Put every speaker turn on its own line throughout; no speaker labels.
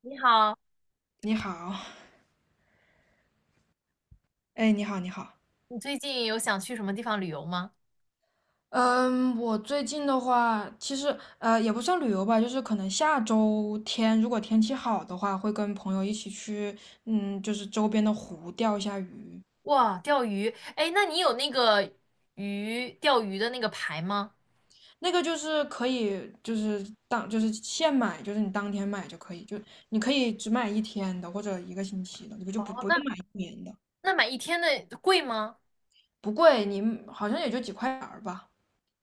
你好，
你好。哎，你好，你好。
你最近有想去什么地方旅游吗？
嗯，我最近的话，其实也不算旅游吧，就是可能下周天如果天气好的话，会跟朋友一起去，嗯，就是周边的湖钓一下鱼。
哇，钓鱼，哎，那你有那个鱼钓鱼的那个牌吗？
那个就是可以，就是当就是现买，就是你当天买就可以，就你可以只买一天的或者一个星期的，你就不
哦，
不
那
用买一年的。
那买一天的贵吗？
不贵，你好像也就几块钱儿吧。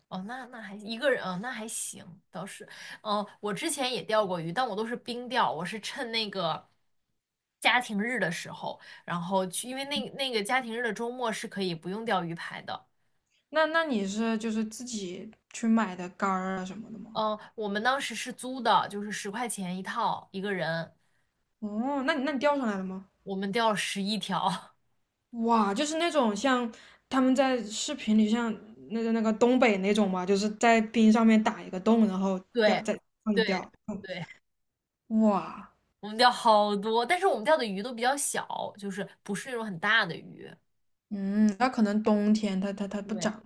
哦，那还一个人，哦，那还行，倒是，哦，我之前也钓过鱼，但我都是冰钓，我是趁那个家庭日的时候，然后去，因为那个家庭日的周末是可以不用钓鱼牌的。
那那你是就是自己去买的竿儿啊什么的吗？
嗯，我们当时是租的，就是十块钱一套一个人，
哦，那你那你钓上来了吗？
我们钓了十一条。
哇，就是那种像他们在视频里像那个东北那种嘛，就是在冰上面打一个洞，然后
对，对，
放掉。嗯，
对，
哇，
我们钓好多，但是我们钓的鱼都比较小，就是不是那种很大的鱼。
嗯，那可能冬天它不
对，
长，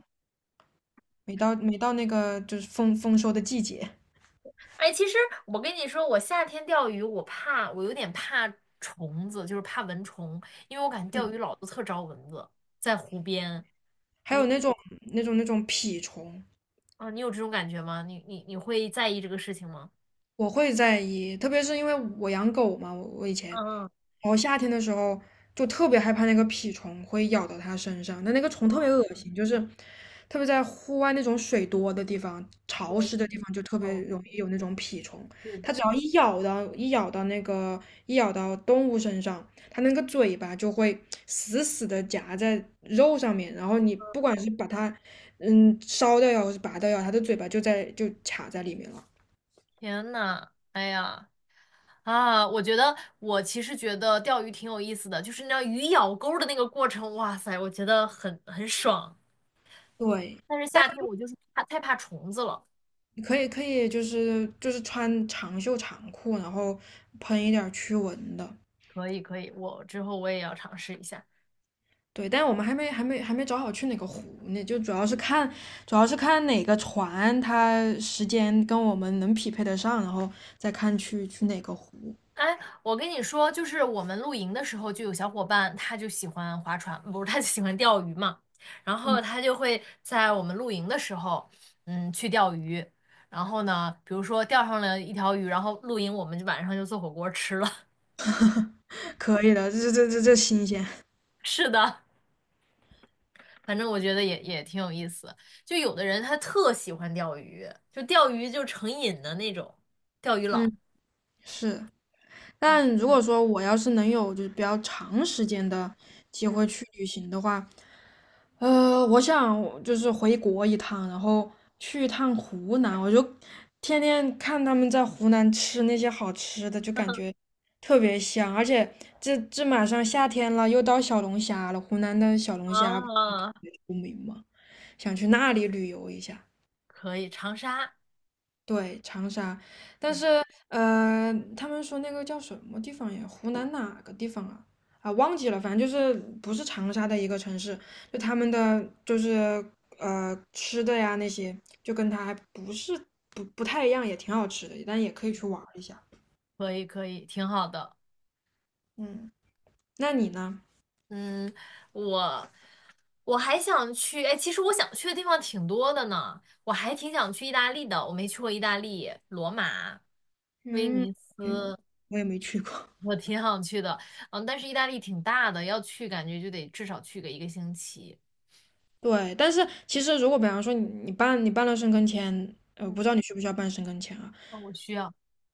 没到那个就是丰收的季节。
哎，其实我跟你说，我夏天钓鱼，我怕，我有点怕虫子，就是怕蚊虫，因为我感觉钓
嗯，
鱼老是特招蚊子，在湖边。
还
你
有那种那种蜱虫。
啊，你有这种感觉吗？你会在意这个事情吗？
我会在意，特别是因为我养狗嘛，我以前。
嗯，
然后夏天的时候就特别害怕那个蜱虫会咬到它身上，但那个虫特别
哦，
恶心，就是特别在户外那种水多的地方、潮湿的地方，就特别
哦，
容易有那种蜱虫。
是
它只
的。
要一咬到动物身上，它那个嘴巴就会死死的夹在肉上面，然后你不管是把它烧掉呀，或是拔掉呀，它的嘴巴就卡在里面了。
天呐，哎呀，啊，我觉得我其实觉得钓鱼挺有意思的，就是那鱼咬钩的那个过程，哇塞，我觉得很爽。
对。
但是
但。
夏天我就是怕太怕虫子了。
可以可以，就是就是穿长袖长裤，然后喷一点驱蚊的。
可以可以，我之后我也要尝试一下。
对，但我们还没找好去哪个湖呢，就主要是看哪个船它时间跟我们能匹配得上，然后再看去哪个湖。
哎，我跟你说，就是我们露营的时候，就有小伙伴他就喜欢划船，不是他就喜欢钓鱼嘛，然后他就会在我们露营的时候，嗯，去钓鱼。然后呢，比如说钓上了一条鱼，然后露营我们就晚上就做火锅吃了。
可以的，这新鲜。
是的。反正我觉得也挺有意思。就有的人他特喜欢钓鱼，就钓鱼就成瘾的那种，钓鱼佬。
嗯，是。但如果说我要是能有就是比较长时间的机会去旅行的话，呃，我想我就是回国一趟，然后去一趟湖南，我就天天看他们在湖南吃那些好吃的，就感觉特别香。而且这这马上夏天了，又到小龙虾了，湖南的小龙虾不是特
啊，
别出名嘛，想去那里旅游一下。
可以，长沙
对，长沙。呃，他们说那个叫什么地方呀？湖南哪个地方啊？啊，忘记了，反正就是不是长沙的一个城市，就他们的就是吃的呀那些，就跟它还不是不太一样，也挺好吃的，但也可以去玩儿一下。
可以可以，挺好的。
嗯，那你呢？
嗯，我我还想去，哎，其实我想去的地方挺多的呢，我还挺想去意大利的，我没去过意大利，罗马、威
嗯，
尼
嗯，
斯，
我也没去过。
我挺想去的。嗯，但是意大利挺大的，要去感觉就得至少去个一个星期。
对，但是其实如果比方说你办了生根签，呃，不知道你需不需要办生根签啊？
哦，我需要。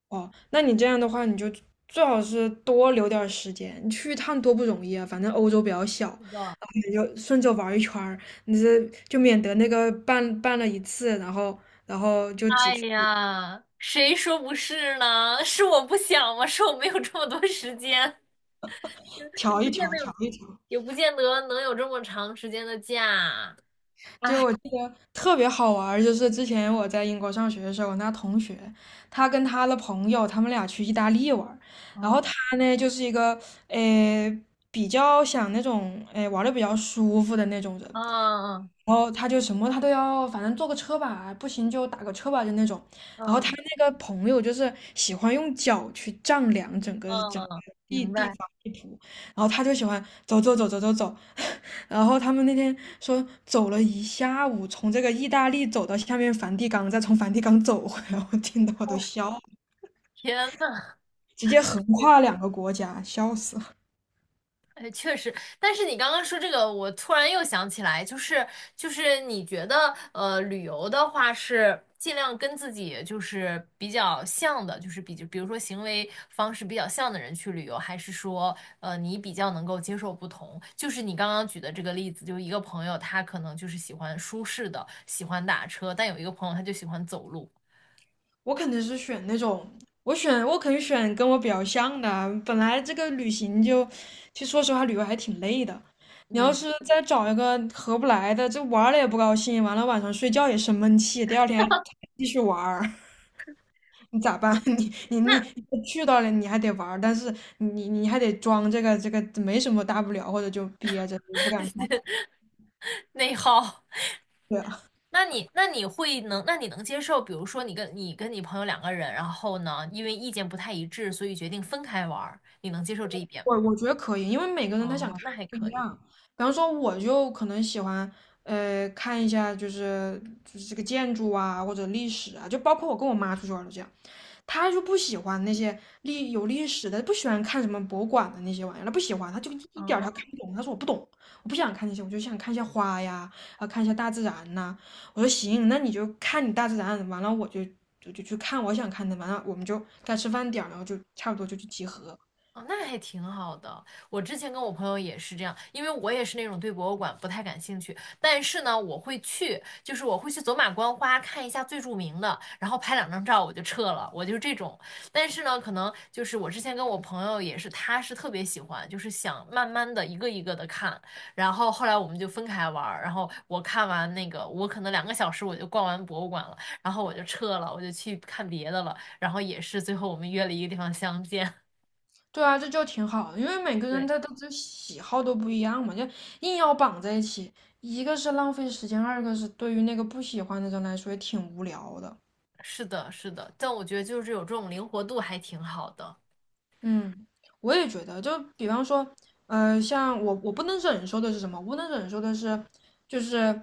哦，那你这样的话，你就最好是多留点儿时间，你去一趟多不容易啊。反正欧洲比较小，然
是的。
后你就顺着玩一圈儿，你这就免得那个办了一次，然后然后就只
哎
去
呀，谁说不是呢？是我不想吗？是我没有这么多时间，也
调
不
一
见
调，
得
调
有，
一调。
也不见得能有这么长时间的假。
就
哎，
我记得特别好玩儿就是之前我在英国上学的时候，我那同学，他跟他的朋友，他们俩去意大利玩儿，然后他
嗯
呢就是一个呃比较想那种玩的比较舒服的那种人。
嗯
然后他就什么他都要，反正坐个车吧，不行就打个车吧，就那种。然后他
嗯
那个朋友就是喜欢用脚去丈量整个
嗯
整个
嗯，
地
明
地
白。
方地图，然后他就喜欢走。然后他们那天说走了一下午，从这个意大利走到下面梵蒂冈，再从梵蒂冈走回来，我听的我都
我
笑了，
天呐，
直接横跨 两个国家，笑死。
哎，确实，但是你刚刚说这个，我突然又想起来，你觉得，旅游的话是尽量跟自己就是比较像的，就是比如说行为方式比较像的人去旅游，还是说，你比较能够接受不同？就是你刚刚举的这个例子，就是一个朋友他可能就是喜欢舒适的，喜欢打车，但有一个朋友他就喜欢走路，
我肯定是选那种，我肯定选跟我比较像的啊。本来这个旅行就，其实说实话，旅游还挺累的。你要
嗯，
是再找一个合不来的，这玩儿了也不高兴，完了晚上睡觉也生闷气，第二天还继续玩儿。你咋办？你你
那
你你去到了，你还得玩儿，但是你还得装这个没什么大不了，或者就憋着不敢说。
内耗。
对啊，
那你能接受，比如说你跟你朋友两个人，然后呢，因为意见不太一致，所以决定分开玩儿，你能接受这一点吗？
我我觉得可以，因为每个人他想看
哦，那
的
还
不一
可以。
样。比方说，我就可能喜欢，呃，看一下就是这个建筑啊，或者历史啊，就包括我跟我妈出去玩儿都这样，她就不喜欢那些历史的，不喜欢看什么博物馆的那些玩意儿，她不喜欢，她就一点儿她
哦，
看不懂。她说我不懂，我不想看那些，我就想看一下花呀，啊，看一下大自然呐、我说行，那你就看你大自然，完了我就去看我想看的，完了我们就该吃饭点儿了，然后就差不多就去集合。
哦，那还挺好的。我之前跟我朋友也是这样，因为我也是那种对博物馆不太感兴趣，但是呢，我会去，就是我会去走马观花看一下最著名的，然后拍两张照我就撤了，我就是这种。但是呢，可能就是我之前跟我朋友也是，他是特别喜欢，就是想慢慢的一个一个的看，然后后来我们就分开玩儿，然后我看完那个，我可能两个小时我就逛完博物馆了，然后我就撤了，我就去看别的了，然后也是最后我们约了一个地方相见。
对啊，这就挺好的，因为每个人
对。
他这喜好都不一样嘛，就硬要绑在一起，一个是浪费时间，二个是对于那个不喜欢的人来说也挺无聊的。
是的，是的，但我觉得就是有这种灵活度还挺好的。
嗯，我也觉得，就比方说，呃，像我不能忍受的是什么？我不能忍受的是，就是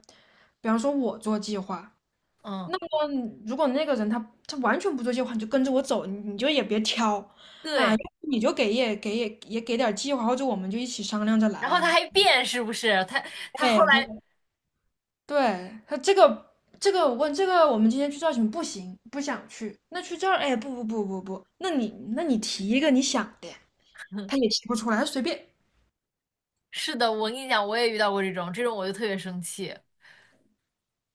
比方说我做计划，
嗯，
嗯，如果那个人他完全不做计划，你就跟着我走，你就也别挑啊，
对，
你就给也给点儿计划，或者我们就一起商量着
然后他
来。
还变，是不是？他后
哎，
来
对他这个这个我问这个，我们今天去造型不行，不想去。那去这儿，哎，不，那你那你提一个你想的，他也提不出来，他随便。
是的，我跟你讲，我也遇到过这种，这种我就特别生气。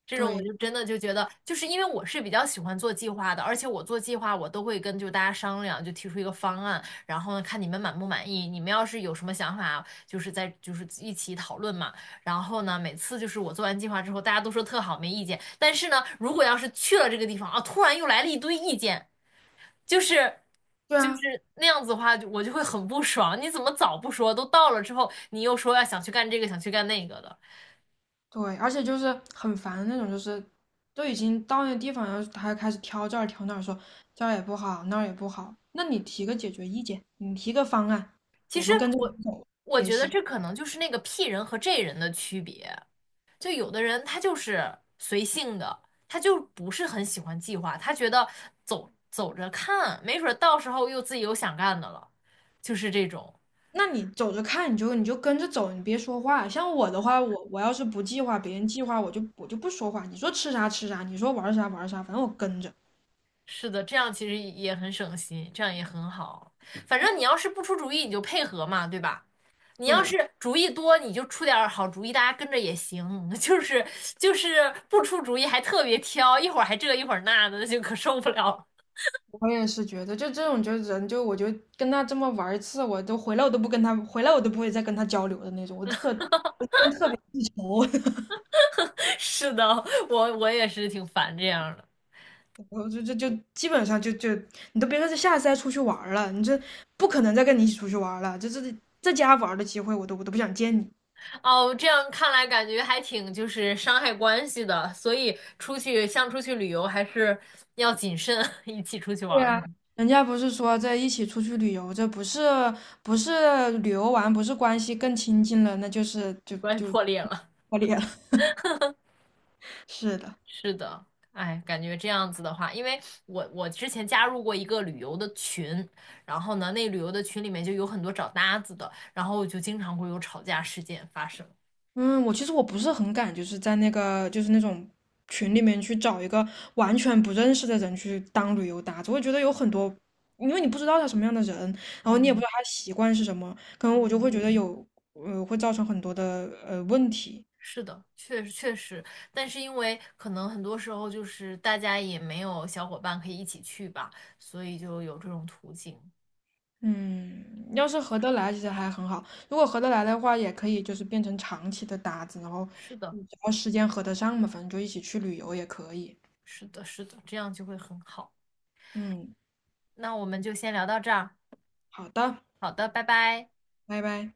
这种我
对，
就真的就觉得，就是因为我是比较喜欢做计划的，而且我做计划我都会跟就大家商量，就提出一个方案，然后呢看你们满不满意，你们要是有什么想法，就是在就是一起讨论嘛。然后呢，每次就是我做完计划之后，大家都说特好，没意见。但是呢，如果要是去了这个地方啊，突然又来了一堆意见，就是
对啊，
那样子的话，就我就会很不爽。你怎么早不说？都到了之后，你又说要想去干这个，想去干那个的。
对，而且就是很烦那种，就是都已经到那地方，然后他还开始挑这儿挑那儿，说这儿也不好，那儿也不好。那你提个解决意见，你提个方案，
其
我
实
们跟着你
我
走
我
也
觉得
行。
这可能就是那个 P 人和 J 人的区别。就有的人他就是随性的，他就不是很喜欢计划，他觉得走走着看，没准儿到时候又自己有想干的了，就是这种。
那你走着看，你就跟着走，你别说话。像我的话，我要是不计划，别人计划，我就不说话。你说吃啥吃啥，你说玩啥玩啥，反正我跟着。
是的，这样其实也很省心，这样也很好。反正你要是不出主意，你就配合嘛，对吧？你要
对，
是主意多，你就出点儿好主意，大家跟着也行。就是就是不出主意还特别挑，一会儿还这一会儿那的，就可受不了了。
我也是觉得，就这种就是人就我就跟他这么玩一次，我都回来我都不跟他回来我都不会再跟他交流的那种，我特愁。
是的，我也是挺烦这样的。
我就就就基本上你都别说这下次再出去玩儿了，你这不可能再跟你一起出去玩儿了，这这在家玩儿的机会我都不想见你。
哦，这样看来感觉还挺就是伤害关系的，所以出去像出去旅游还是要谨慎啊，一起出去玩
对
儿，的，
啊，人家不是说在一起出去旅游，这不是不是旅游完，不是关系更亲近了，那就是
关系破裂了。
破裂了。是的。
是的，哎，感觉这样子的话，因为我之前加入过一个旅游的群，然后呢，那旅游的群里面就有很多找搭子的，然后就经常会有吵架事件发生。
嗯，我其实我不是很敢，就是在那个就是那种群里面去找一个完全不认识的人去当旅游搭子，我觉得有很多，因为你不知道他什么样的人，然后你也不
嗯
知道他习惯是什么，可能我就
嗯。
会觉得有会造成很多的问题。
是的，确实确实，但是因为可能很多时候就是大家也没有小伙伴可以一起去吧，所以就有这种途径。
嗯，要是合得来，其实还很好。如果合得来的话，也可以就是变成长期的搭子，然后
是的，
嗯只要时间合得上嘛，反正就一起去旅游也可以。
是的，是的，这样就会很好。
嗯，
那我们就先聊到这儿，
好的，
好的，拜拜。
拜拜。